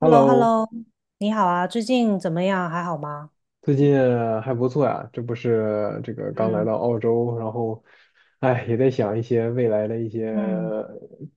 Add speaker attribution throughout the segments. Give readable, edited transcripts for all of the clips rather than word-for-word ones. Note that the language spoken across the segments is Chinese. Speaker 1: h e l l o h e l l
Speaker 2: Hello，
Speaker 1: o 你好啊，最近怎么样？还好吗？
Speaker 2: 最近还不错呀，这不是这个刚来到
Speaker 1: 嗯
Speaker 2: 澳洲，然后，哎，也在想一些未来的一些
Speaker 1: 嗯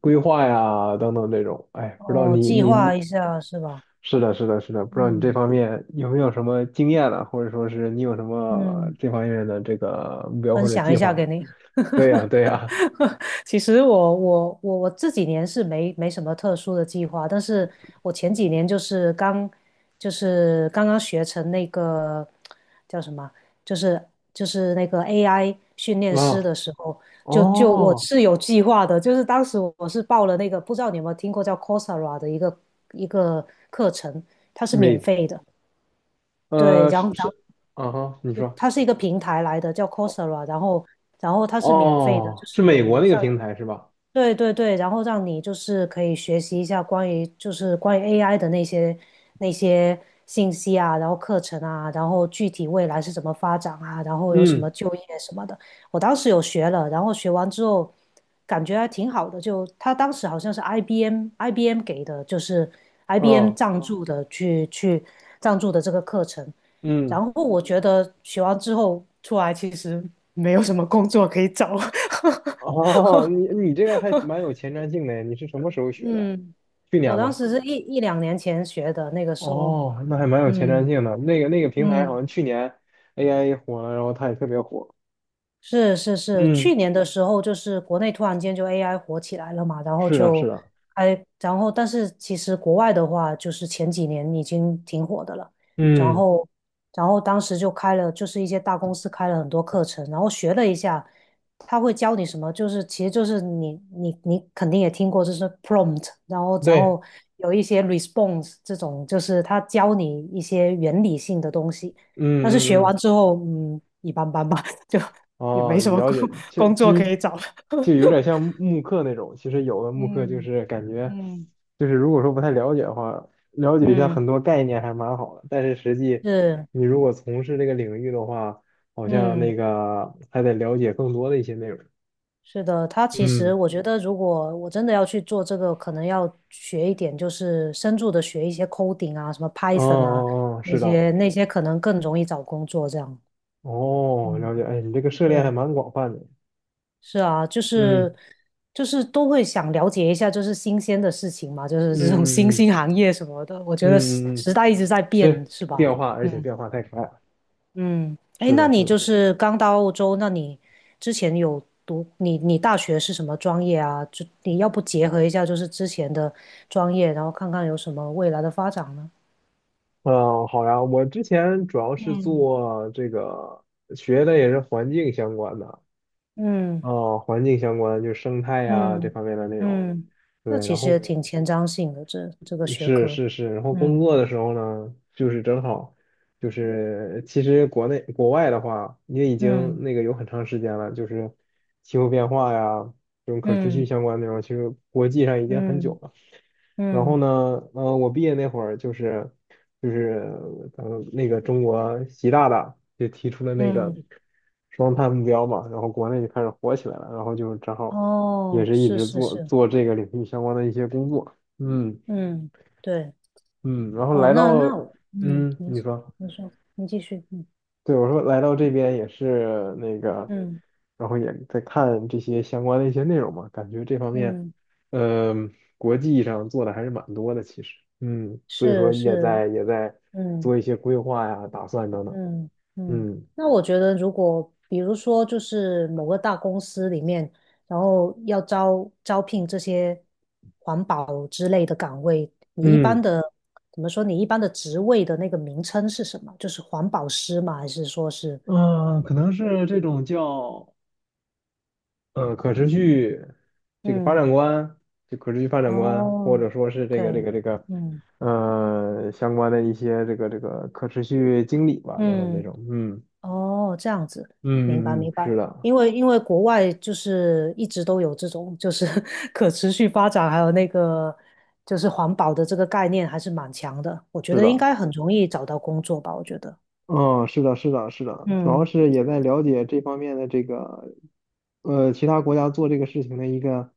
Speaker 2: 规划呀，等等这种，哎，不知道
Speaker 1: 哦，
Speaker 2: 你
Speaker 1: 计
Speaker 2: 你
Speaker 1: 划
Speaker 2: 你，
Speaker 1: 一下是吧？
Speaker 2: 是的，是的，是的，不知道你这
Speaker 1: 嗯
Speaker 2: 方面有没有什么经验呢，或者说是你有什么
Speaker 1: 嗯，
Speaker 2: 这方面的这个目标
Speaker 1: 分
Speaker 2: 或者
Speaker 1: 享
Speaker 2: 计
Speaker 1: 一下
Speaker 2: 划？
Speaker 1: 给你。
Speaker 2: 对呀，对呀，
Speaker 1: 其实我这几年是没什么特殊的计划，但是我前几年就是刚刚学成那个叫什么，就是就是那个 AI 训 练师
Speaker 2: 啊，
Speaker 1: 的时候，就我
Speaker 2: 哦，
Speaker 1: 是有计划的，就是当时我是报了那个不知道你有没有听过叫 Coursera 的一个课程，它是免
Speaker 2: 美，
Speaker 1: 费的。对，然后
Speaker 2: 是，啊哈，你
Speaker 1: 就
Speaker 2: 说，
Speaker 1: 它是一个平台来的，叫 Coursera，然后它是免费的，就
Speaker 2: 哦，是
Speaker 1: 是
Speaker 2: 美国
Speaker 1: 有
Speaker 2: 那个
Speaker 1: 像
Speaker 2: 平台是吧？
Speaker 1: 对对对，然后让你就是可以学习一下关于 AI 的那些信息啊，然后课程啊，然后具体未来是怎么发展啊，然后有什么
Speaker 2: 嗯，
Speaker 1: 就业什么的。我当时有学了，然后学完之后感觉还挺好的，就他当时好像是 IBM 给的，就是 IBM
Speaker 2: 哦。
Speaker 1: 赞助的这个课程。
Speaker 2: 嗯，
Speaker 1: 然后我觉得学完之后出来其实没有什么工作可以找。
Speaker 2: 哦，你这个还蛮有前瞻性的，你是什么时候学的？
Speaker 1: 嗯，
Speaker 2: 去
Speaker 1: 我
Speaker 2: 年
Speaker 1: 当
Speaker 2: 吗？
Speaker 1: 时是一两年前学的，那个时候，
Speaker 2: 哦，那还蛮有前瞻
Speaker 1: 嗯
Speaker 2: 性的。那个平台好
Speaker 1: 嗯。
Speaker 2: 像去年 AI 火了，然后它也特别火。
Speaker 1: 是是是，
Speaker 2: 嗯，
Speaker 1: 去年的时候就是国内突然间就 AI 火起来了嘛，然后
Speaker 2: 是的，是
Speaker 1: 就
Speaker 2: 的。
Speaker 1: 哎，然后但是其实国外的话，就是前几年已经挺火的了，然
Speaker 2: 嗯，
Speaker 1: 后然后当时就开了，就是一些大公司开了很多课程，然后学了一下，他会教你什么，就是其实就是你肯定也听过，就是 prompt，然后然
Speaker 2: 对，
Speaker 1: 后有一些 response 这种，就是他教你一些原理性的东西，
Speaker 2: 嗯
Speaker 1: 但是学
Speaker 2: 嗯嗯
Speaker 1: 完之后，嗯，一般般吧。就也没
Speaker 2: 哦，
Speaker 1: 什么
Speaker 2: 了解，其
Speaker 1: 工
Speaker 2: 其
Speaker 1: 作可
Speaker 2: 实
Speaker 1: 以找。
Speaker 2: 就有点像 慕课那种。其实有的慕课就
Speaker 1: 嗯
Speaker 2: 是感觉，
Speaker 1: 嗯
Speaker 2: 就是如果说不太了解的话，了解一下
Speaker 1: 嗯，
Speaker 2: 很
Speaker 1: 嗯
Speaker 2: 多概念还蛮好的。但是实际
Speaker 1: 是，
Speaker 2: 你如果从事这个领域的话，好像那
Speaker 1: 嗯，
Speaker 2: 个还得了解更多的一些内容。
Speaker 1: 是的，他其实
Speaker 2: 嗯，
Speaker 1: 我觉得，如果我真的要去做这个，可能要学一点，就是深入的学一些 coding 啊，什么
Speaker 2: 哦
Speaker 1: Python 啊，
Speaker 2: 哦哦，
Speaker 1: 那
Speaker 2: 是的，
Speaker 1: 些那些可能更容易找工作这样。
Speaker 2: 哦，了解。哎，你这个
Speaker 1: 嗯，
Speaker 2: 涉猎还
Speaker 1: 是
Speaker 2: 蛮广泛的。
Speaker 1: 是啊，就是
Speaker 2: 嗯
Speaker 1: 就是都会想了解一下，就是新鲜的事情嘛，就是
Speaker 2: 嗯
Speaker 1: 这种新
Speaker 2: 嗯嗯
Speaker 1: 兴行业什么的，我觉得时
Speaker 2: 嗯嗯，嗯，
Speaker 1: 时代一直在变，
Speaker 2: 是
Speaker 1: 是吧？
Speaker 2: 变化，而且
Speaker 1: 嗯。
Speaker 2: 变化太快了。
Speaker 1: 嗯，哎，
Speaker 2: 是
Speaker 1: 那
Speaker 2: 的，是
Speaker 1: 你就
Speaker 2: 的。
Speaker 1: 是刚到澳洲，那你之前有读你你大学是什么专业啊？就你要不结合一下就是之前的专业，然后看看有什么未来的发展呢？
Speaker 2: 嗯，好呀，我之前主要是
Speaker 1: 嗯，
Speaker 2: 做这个学的也是环境相关的，
Speaker 1: 嗯
Speaker 2: 哦，环境相关就是生态呀、这
Speaker 1: 嗯
Speaker 2: 方面的内容。
Speaker 1: 嗯，那
Speaker 2: 对，
Speaker 1: 其
Speaker 2: 然
Speaker 1: 实也
Speaker 2: 后
Speaker 1: 挺前瞻性的，这个学
Speaker 2: 是
Speaker 1: 科。
Speaker 2: 是是，然后工
Speaker 1: 嗯
Speaker 2: 作的时候呢，就是正好就是其实国内国外的话，也已经
Speaker 1: 嗯
Speaker 2: 那个有很长时间了，就是气候变化呀这种可持续
Speaker 1: 嗯
Speaker 2: 相关内容，其实国际上已经很久
Speaker 1: 嗯
Speaker 2: 了。然后
Speaker 1: 嗯
Speaker 2: 呢，我毕业那会儿就是就是那个中国习大大就提出了那个
Speaker 1: 嗯，
Speaker 2: 双碳目标嘛，然后国内就开始火起来了，然后就正好也
Speaker 1: 哦，
Speaker 2: 是一
Speaker 1: 是
Speaker 2: 直
Speaker 1: 是
Speaker 2: 做
Speaker 1: 是，
Speaker 2: 做这个领域相关的一些工作，嗯
Speaker 1: 嗯，对，
Speaker 2: 嗯，然后
Speaker 1: 哦，
Speaker 2: 来
Speaker 1: 那
Speaker 2: 到
Speaker 1: 我
Speaker 2: 嗯，
Speaker 1: 您
Speaker 2: 你
Speaker 1: 请，
Speaker 2: 说。
Speaker 1: 您说，您继续，嗯
Speaker 2: 对，我说来到这边也是那个，
Speaker 1: 嗯。
Speaker 2: 然后也在看这些相关的一些内容嘛，感觉这方面，
Speaker 1: 嗯，
Speaker 2: 嗯、国际上做的还是蛮多的，其实，嗯，所以说
Speaker 1: 是
Speaker 2: 也
Speaker 1: 是，
Speaker 2: 在也在
Speaker 1: 嗯
Speaker 2: 做一些规划呀、打算等等，
Speaker 1: 嗯嗯。
Speaker 2: 嗯
Speaker 1: 那我觉得，如果比如说，就是某个大公司里面，然后要招聘这些环保之类的岗位，你一般
Speaker 2: 嗯
Speaker 1: 的怎么说？你一般的职位的那个名称是什么？就是环保师吗？还是说是？
Speaker 2: 嗯，可能是这种叫可持续这个发
Speaker 1: 嗯，
Speaker 2: 展观，就可持续发展观，或
Speaker 1: 哦
Speaker 2: 者说是这个这
Speaker 1: ，OK，
Speaker 2: 个这个
Speaker 1: 嗯
Speaker 2: 呃相关的一些这个可持续经理吧，等等这
Speaker 1: 嗯
Speaker 2: 种，嗯。
Speaker 1: 哦，这样子，明白
Speaker 2: 嗯嗯
Speaker 1: 明
Speaker 2: 嗯，是
Speaker 1: 白。
Speaker 2: 的，
Speaker 1: 因为国外就是一直都有这种就是 可持续发展，还有那个就是环保的这个概念还是蛮强的，我觉
Speaker 2: 是
Speaker 1: 得应
Speaker 2: 的，
Speaker 1: 该很容易找到工作吧，我觉得。
Speaker 2: 嗯，是的，是的，是的，主要
Speaker 1: 嗯，
Speaker 2: 是也在了解这方面的这个，其他国家做这个事情的一个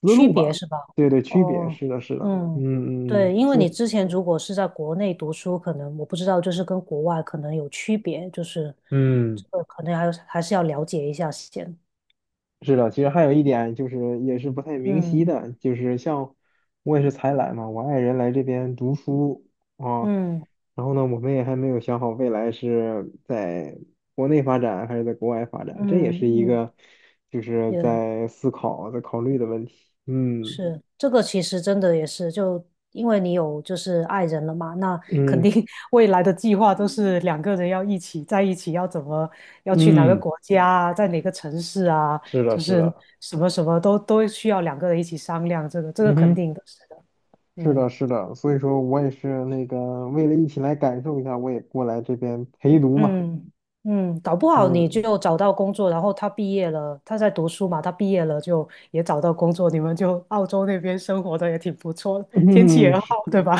Speaker 2: 思
Speaker 1: 区
Speaker 2: 路
Speaker 1: 别
Speaker 2: 吧，
Speaker 1: 是吧？
Speaker 2: 对对，区别，
Speaker 1: 哦，
Speaker 2: 是的，是的，
Speaker 1: 嗯，
Speaker 2: 嗯嗯嗯，
Speaker 1: 对，因为
Speaker 2: 所
Speaker 1: 你
Speaker 2: 以，
Speaker 1: 之前如果是在国内读书，可能我不知道，就是跟国外可能有区别，就是
Speaker 2: 嗯。
Speaker 1: 这个可能还还是要了解一下先。
Speaker 2: 是的，其实还有一点就是也是不太明晰
Speaker 1: 嗯
Speaker 2: 的，就是像我也是才来嘛，我爱人来这边读书啊，
Speaker 1: 嗯
Speaker 2: 然后呢，我们也还没有想好未来是在国内发展还是在国外发展，这
Speaker 1: 嗯
Speaker 2: 也是一
Speaker 1: 嗯，
Speaker 2: 个就是
Speaker 1: 也
Speaker 2: 在思考在考虑的问题。嗯
Speaker 1: 是，这个其实真的也是，就因为你有就是爱人了嘛，那肯
Speaker 2: 嗯
Speaker 1: 定 未来的计划都是两个人要一起在一起，要怎么要去哪个
Speaker 2: 嗯，
Speaker 1: 国家啊在哪个城市啊，
Speaker 2: 是的，
Speaker 1: 就
Speaker 2: 是
Speaker 1: 是
Speaker 2: 的。
Speaker 1: 什么什么都需要两个人一起商量，这个这个
Speaker 2: 嗯
Speaker 1: 肯
Speaker 2: 哼，
Speaker 1: 定的，是的，
Speaker 2: 是的，
Speaker 1: 嗯
Speaker 2: 是的，所以说我也是那个为了一起来感受一下，我也过来这边陪读嘛。
Speaker 1: 嗯嗯，搞不好你
Speaker 2: 嗯，
Speaker 1: 就找到工作，然后他毕业了，他在读书嘛，他毕业了就也找到工作，你们就澳洲那边生活的也挺不错，天气也好，对吧？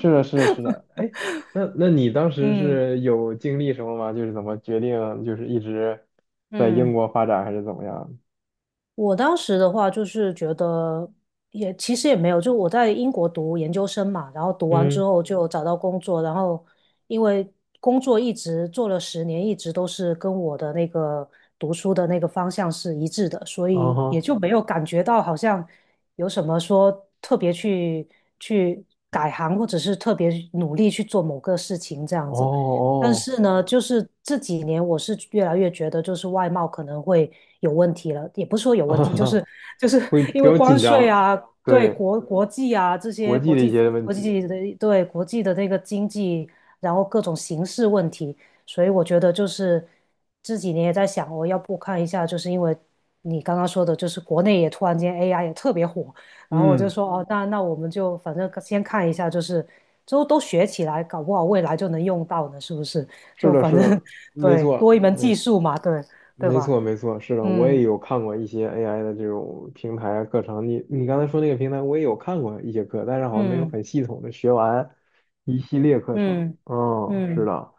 Speaker 2: 的，是的，是的。哎，那那你当时
Speaker 1: 嗯
Speaker 2: 是有经历什么吗？就是怎么决定，就是一直在英
Speaker 1: 嗯。
Speaker 2: 国发展，还是怎么样？
Speaker 1: 我当时的话就是觉得也其实也没有，就我在英国读研究生嘛，然后读完之
Speaker 2: 嗯，
Speaker 1: 后就找到工作，然后因为工作一直做了10年，一直都是跟我的那个读书的那个方向是一致的，所
Speaker 2: 嗯
Speaker 1: 以也
Speaker 2: 哼，
Speaker 1: 就没有感觉到好像有什么说特别去改行，或者是特别努力去做某个事情这样子。但
Speaker 2: 哦
Speaker 1: 是呢，就是这几年我是越来越觉得，就是外贸可能会有问题了，也不是说有问题，就是
Speaker 2: 哦，
Speaker 1: 就是
Speaker 2: 会 比
Speaker 1: 因为
Speaker 2: 较
Speaker 1: 关
Speaker 2: 紧
Speaker 1: 税
Speaker 2: 张，
Speaker 1: 啊，对
Speaker 2: 对，
Speaker 1: 国际啊这
Speaker 2: 国
Speaker 1: 些
Speaker 2: 际
Speaker 1: 国
Speaker 2: 的一
Speaker 1: 际
Speaker 2: 些问
Speaker 1: 国
Speaker 2: 题。
Speaker 1: 际的对国际的那个经济，然后各种形势问题，所以我觉得就是这几年也在想，我要不看一下，就是因为你刚刚说的，就是国内也突然间 AI 也特别火，然后我就
Speaker 2: 嗯，
Speaker 1: 说，哦，那那我们就反正先看一下，就是之后都学起来，搞不好未来就能用到呢，是不是？
Speaker 2: 是
Speaker 1: 就
Speaker 2: 的，
Speaker 1: 反
Speaker 2: 是
Speaker 1: 正
Speaker 2: 的，没
Speaker 1: 对，多一
Speaker 2: 错，
Speaker 1: 门
Speaker 2: 没
Speaker 1: 技
Speaker 2: 错。
Speaker 1: 术嘛，对对
Speaker 2: 没
Speaker 1: 吧？
Speaker 2: 错，没错，是的，我
Speaker 1: 嗯
Speaker 2: 也有看过一些 AI 的这种平台啊课程。你刚才说那个平台，我也有看过一些课，但是好像没有
Speaker 1: 嗯
Speaker 2: 很系统的学完一系列课程。
Speaker 1: 嗯
Speaker 2: 嗯，是
Speaker 1: 嗯，
Speaker 2: 的，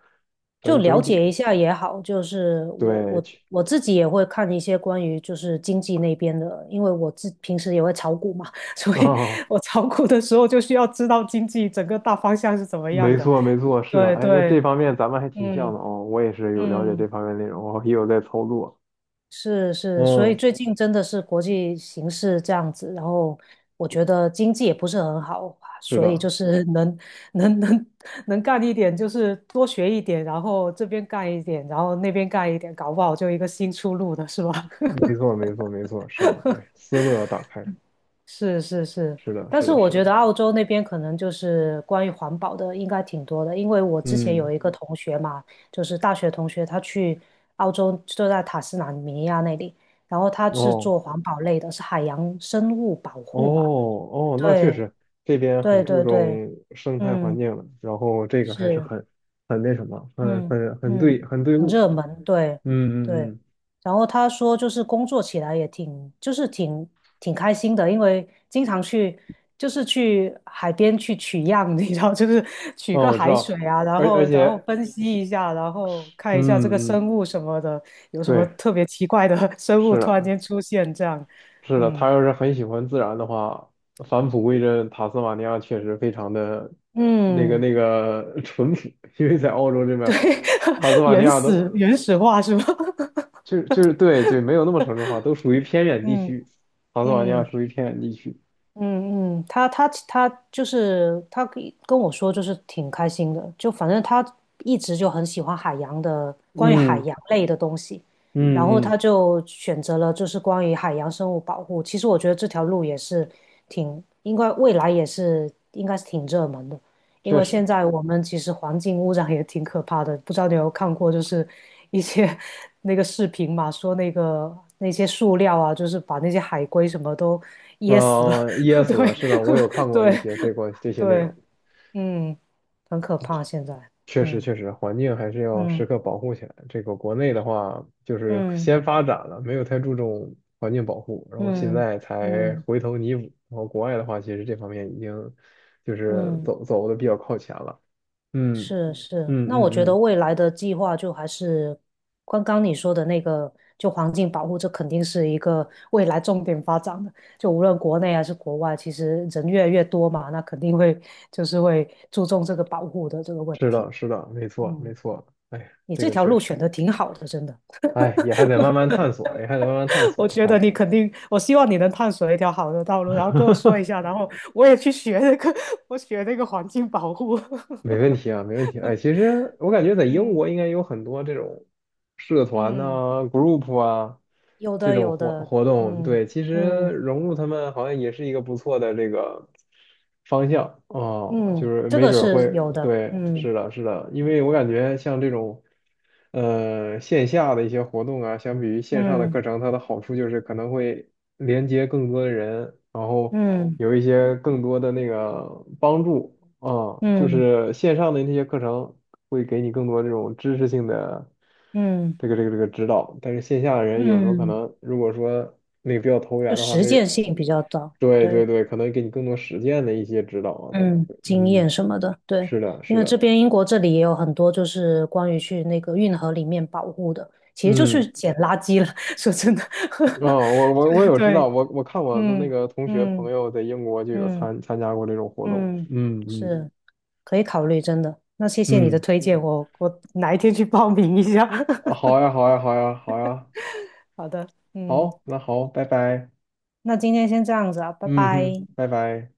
Speaker 1: 就
Speaker 2: 整整
Speaker 1: 了
Speaker 2: 体
Speaker 1: 解一下也好。就是我
Speaker 2: 对，
Speaker 1: 我
Speaker 2: 去
Speaker 1: 我自己也会看一些关于就是经济那边的，因为我自平时也会炒股嘛，所以
Speaker 2: 哦，
Speaker 1: 我炒股的时候就需要知道经济整个大方向是怎么样
Speaker 2: 没
Speaker 1: 的。
Speaker 2: 错，没错，是的。
Speaker 1: 对
Speaker 2: 哎，那这
Speaker 1: 对，
Speaker 2: 方面咱们还挺像
Speaker 1: 嗯
Speaker 2: 的哦。我也是有了解这
Speaker 1: 嗯。
Speaker 2: 方面内容，我也有在操作。
Speaker 1: 是是，所以
Speaker 2: 嗯，
Speaker 1: 最近真的是国际形势这样子，然后我觉得经济也不是很好，
Speaker 2: 是
Speaker 1: 所以
Speaker 2: 的，
Speaker 1: 就是能能能干一点，就是多学一点，然后这边干一点，然后那边干一点，搞不好就一个新出路的是吧？
Speaker 2: 没错，没错，没错，是的。哎，思路要打开。
Speaker 1: 是是是，
Speaker 2: 是的，
Speaker 1: 但
Speaker 2: 是
Speaker 1: 是
Speaker 2: 的，
Speaker 1: 我
Speaker 2: 是的。
Speaker 1: 觉得澳洲那边可能就是关于环保的应该挺多的，因为我之前有
Speaker 2: 嗯，
Speaker 1: 一个同学嘛，就是大学同学，他去澳洲就在塔斯马尼亚那里，然后他是
Speaker 2: 哦。
Speaker 1: 做环保类的，是海洋生物保
Speaker 2: 哦
Speaker 1: 护吧？
Speaker 2: 哦，那确
Speaker 1: 对
Speaker 2: 实这边很
Speaker 1: 对
Speaker 2: 注
Speaker 1: 对对，对，
Speaker 2: 重生态环
Speaker 1: 嗯，
Speaker 2: 境了，然后这个还是
Speaker 1: 是。
Speaker 2: 很很那什么，很
Speaker 1: 嗯
Speaker 2: 很很
Speaker 1: 嗯，
Speaker 2: 对很对
Speaker 1: 很
Speaker 2: 路。
Speaker 1: 热门，对对。
Speaker 2: 嗯嗯嗯，
Speaker 1: 然后他说，就是工作起来也挺，就是挺开心的，因为经常去，就是去海边去取样，你知道，就是取
Speaker 2: 哦，
Speaker 1: 个
Speaker 2: 我知
Speaker 1: 海水
Speaker 2: 道，
Speaker 1: 啊，然
Speaker 2: 而而
Speaker 1: 后然后
Speaker 2: 且
Speaker 1: 分析
Speaker 2: 是
Speaker 1: 一下，然后看一下这个
Speaker 2: 嗯嗯
Speaker 1: 生物什么的，有什么
Speaker 2: 对，
Speaker 1: 特别奇怪的 生物
Speaker 2: 是
Speaker 1: 突然
Speaker 2: 的，
Speaker 1: 间出现，这样，
Speaker 2: 是的，他
Speaker 1: 嗯
Speaker 2: 要是很喜欢自然的话，返璞归真，塔斯马尼亚确实非常的那个
Speaker 1: 嗯，
Speaker 2: 淳朴，因为在澳洲这边，
Speaker 1: 对，
Speaker 2: 塔斯 马尼
Speaker 1: 原
Speaker 2: 亚
Speaker 1: 始
Speaker 2: 都
Speaker 1: 原始化是吗？
Speaker 2: 就是对对，没有那么城市化，都属于偏 远地
Speaker 1: 嗯
Speaker 2: 区。塔斯马尼亚
Speaker 1: 嗯。
Speaker 2: 属于偏远地区。
Speaker 1: 嗯嗯，他就是他跟我说，就是挺开心的，就反正他一直就很喜欢海洋的，关于海
Speaker 2: 嗯
Speaker 1: 洋类的东西，然后
Speaker 2: 嗯嗯，
Speaker 1: 他就选择了就是关于海洋生物保护。其实我觉得这条路也是挺，应该未来也是应该是挺热门的，因
Speaker 2: 确
Speaker 1: 为现
Speaker 2: 实。
Speaker 1: 在我们其实环境污染也挺可怕的，不知道你有没有看过，就是一些 那个视频嘛，说那个那些塑料啊，就是把那些海龟什么都噎死了。
Speaker 2: 啊、噎 死
Speaker 1: 对
Speaker 2: 了。是的，我有看 过一
Speaker 1: 对
Speaker 2: 些这个这些内容，
Speaker 1: 对，嗯，很可怕现在，
Speaker 2: 确实
Speaker 1: 嗯
Speaker 2: 确实，环境还是要
Speaker 1: 嗯
Speaker 2: 时刻保护起来。这个国内的话，就是
Speaker 1: 嗯
Speaker 2: 先发展了，没有太注重环境保护，然后现
Speaker 1: 嗯
Speaker 2: 在才
Speaker 1: 嗯
Speaker 2: 回头弥补。然后国外的话，其实这方面已经就是
Speaker 1: 嗯，
Speaker 2: 走的比较靠前了。嗯
Speaker 1: 是是。
Speaker 2: 嗯
Speaker 1: 那
Speaker 2: 嗯
Speaker 1: 我觉得
Speaker 2: 嗯。
Speaker 1: 未来的计划就还是刚刚你说的那个，就环境保护，这肯定是一个未来重点发展的。就无论国内还是国外，其实人越来越多嘛，那肯定会就是会注重这个保护的这个问
Speaker 2: 是
Speaker 1: 题。
Speaker 2: 的，是的，没错，
Speaker 1: 嗯，
Speaker 2: 没错。哎，
Speaker 1: 你
Speaker 2: 这
Speaker 1: 这
Speaker 2: 个
Speaker 1: 条
Speaker 2: 确
Speaker 1: 路
Speaker 2: 实，
Speaker 1: 选的挺好的，真的。
Speaker 2: 哎，也还得慢慢探索，也还得慢慢探
Speaker 1: 我
Speaker 2: 索。
Speaker 1: 觉得
Speaker 2: 哎。
Speaker 1: 你肯定，我希望你能探索一条好的道路，然后跟我说一 下，然后我也去学那个，我学那个环境保护。
Speaker 2: 没问题啊，没问题。哎，其实我感觉在英
Speaker 1: 嗯
Speaker 2: 国应该有很多这种社团
Speaker 1: 嗯，
Speaker 2: 呐、group 啊
Speaker 1: 有
Speaker 2: 这
Speaker 1: 的
Speaker 2: 种
Speaker 1: 有
Speaker 2: 活
Speaker 1: 的，
Speaker 2: 活动。
Speaker 1: 嗯
Speaker 2: 对，其实
Speaker 1: 嗯
Speaker 2: 融入他们好像也是一个不错的这个方向哦，就
Speaker 1: 嗯，
Speaker 2: 是
Speaker 1: 这
Speaker 2: 没
Speaker 1: 个
Speaker 2: 准儿会，
Speaker 1: 是有的，
Speaker 2: 对，
Speaker 1: 嗯
Speaker 2: 是的，是的，因为我感觉像这种线下的一些活动啊，相比于线上的
Speaker 1: 嗯
Speaker 2: 课程，它的好处就是可能会连接更多的人，然后
Speaker 1: 嗯
Speaker 2: 有一些更多的那个帮助。哦，就
Speaker 1: 嗯
Speaker 2: 是线上的那些课程会给你更多这种知识性的
Speaker 1: 嗯嗯
Speaker 2: 这个这个指导，但是线下的人有时候可
Speaker 1: 嗯，
Speaker 2: 能如果说那个比较投
Speaker 1: 就
Speaker 2: 缘的话，
Speaker 1: 实
Speaker 2: 没
Speaker 1: 践
Speaker 2: 人，
Speaker 1: 性比较高，
Speaker 2: 对
Speaker 1: 对。
Speaker 2: 对对，可能给你更多实践的一些指导啊等等
Speaker 1: 嗯，
Speaker 2: 会，
Speaker 1: 经
Speaker 2: 嗯，
Speaker 1: 验什么的，对，
Speaker 2: 是的，
Speaker 1: 因
Speaker 2: 是
Speaker 1: 为这
Speaker 2: 的，
Speaker 1: 边英国这里也有很多就是关于去那个运河里面保护的，其实就是
Speaker 2: 嗯，
Speaker 1: 捡垃圾了。说真的，
Speaker 2: 哦，我 我
Speaker 1: 就
Speaker 2: 我
Speaker 1: 是
Speaker 2: 有知道，
Speaker 1: 对，
Speaker 2: 我我看我的那
Speaker 1: 嗯
Speaker 2: 个同学朋
Speaker 1: 嗯
Speaker 2: 友在英国就有
Speaker 1: 嗯
Speaker 2: 参加过这种活动，
Speaker 1: 嗯，
Speaker 2: 嗯嗯
Speaker 1: 是可以考虑，真的。那谢谢你的
Speaker 2: 嗯，
Speaker 1: 推荐，我我哪一天去报名一下。
Speaker 2: 啊 好呀好呀好呀好呀，
Speaker 1: 好的，嗯，
Speaker 2: 好，那好，拜拜，
Speaker 1: 那今天先这样子啊，拜
Speaker 2: 嗯哼，
Speaker 1: 拜。
Speaker 2: 拜拜。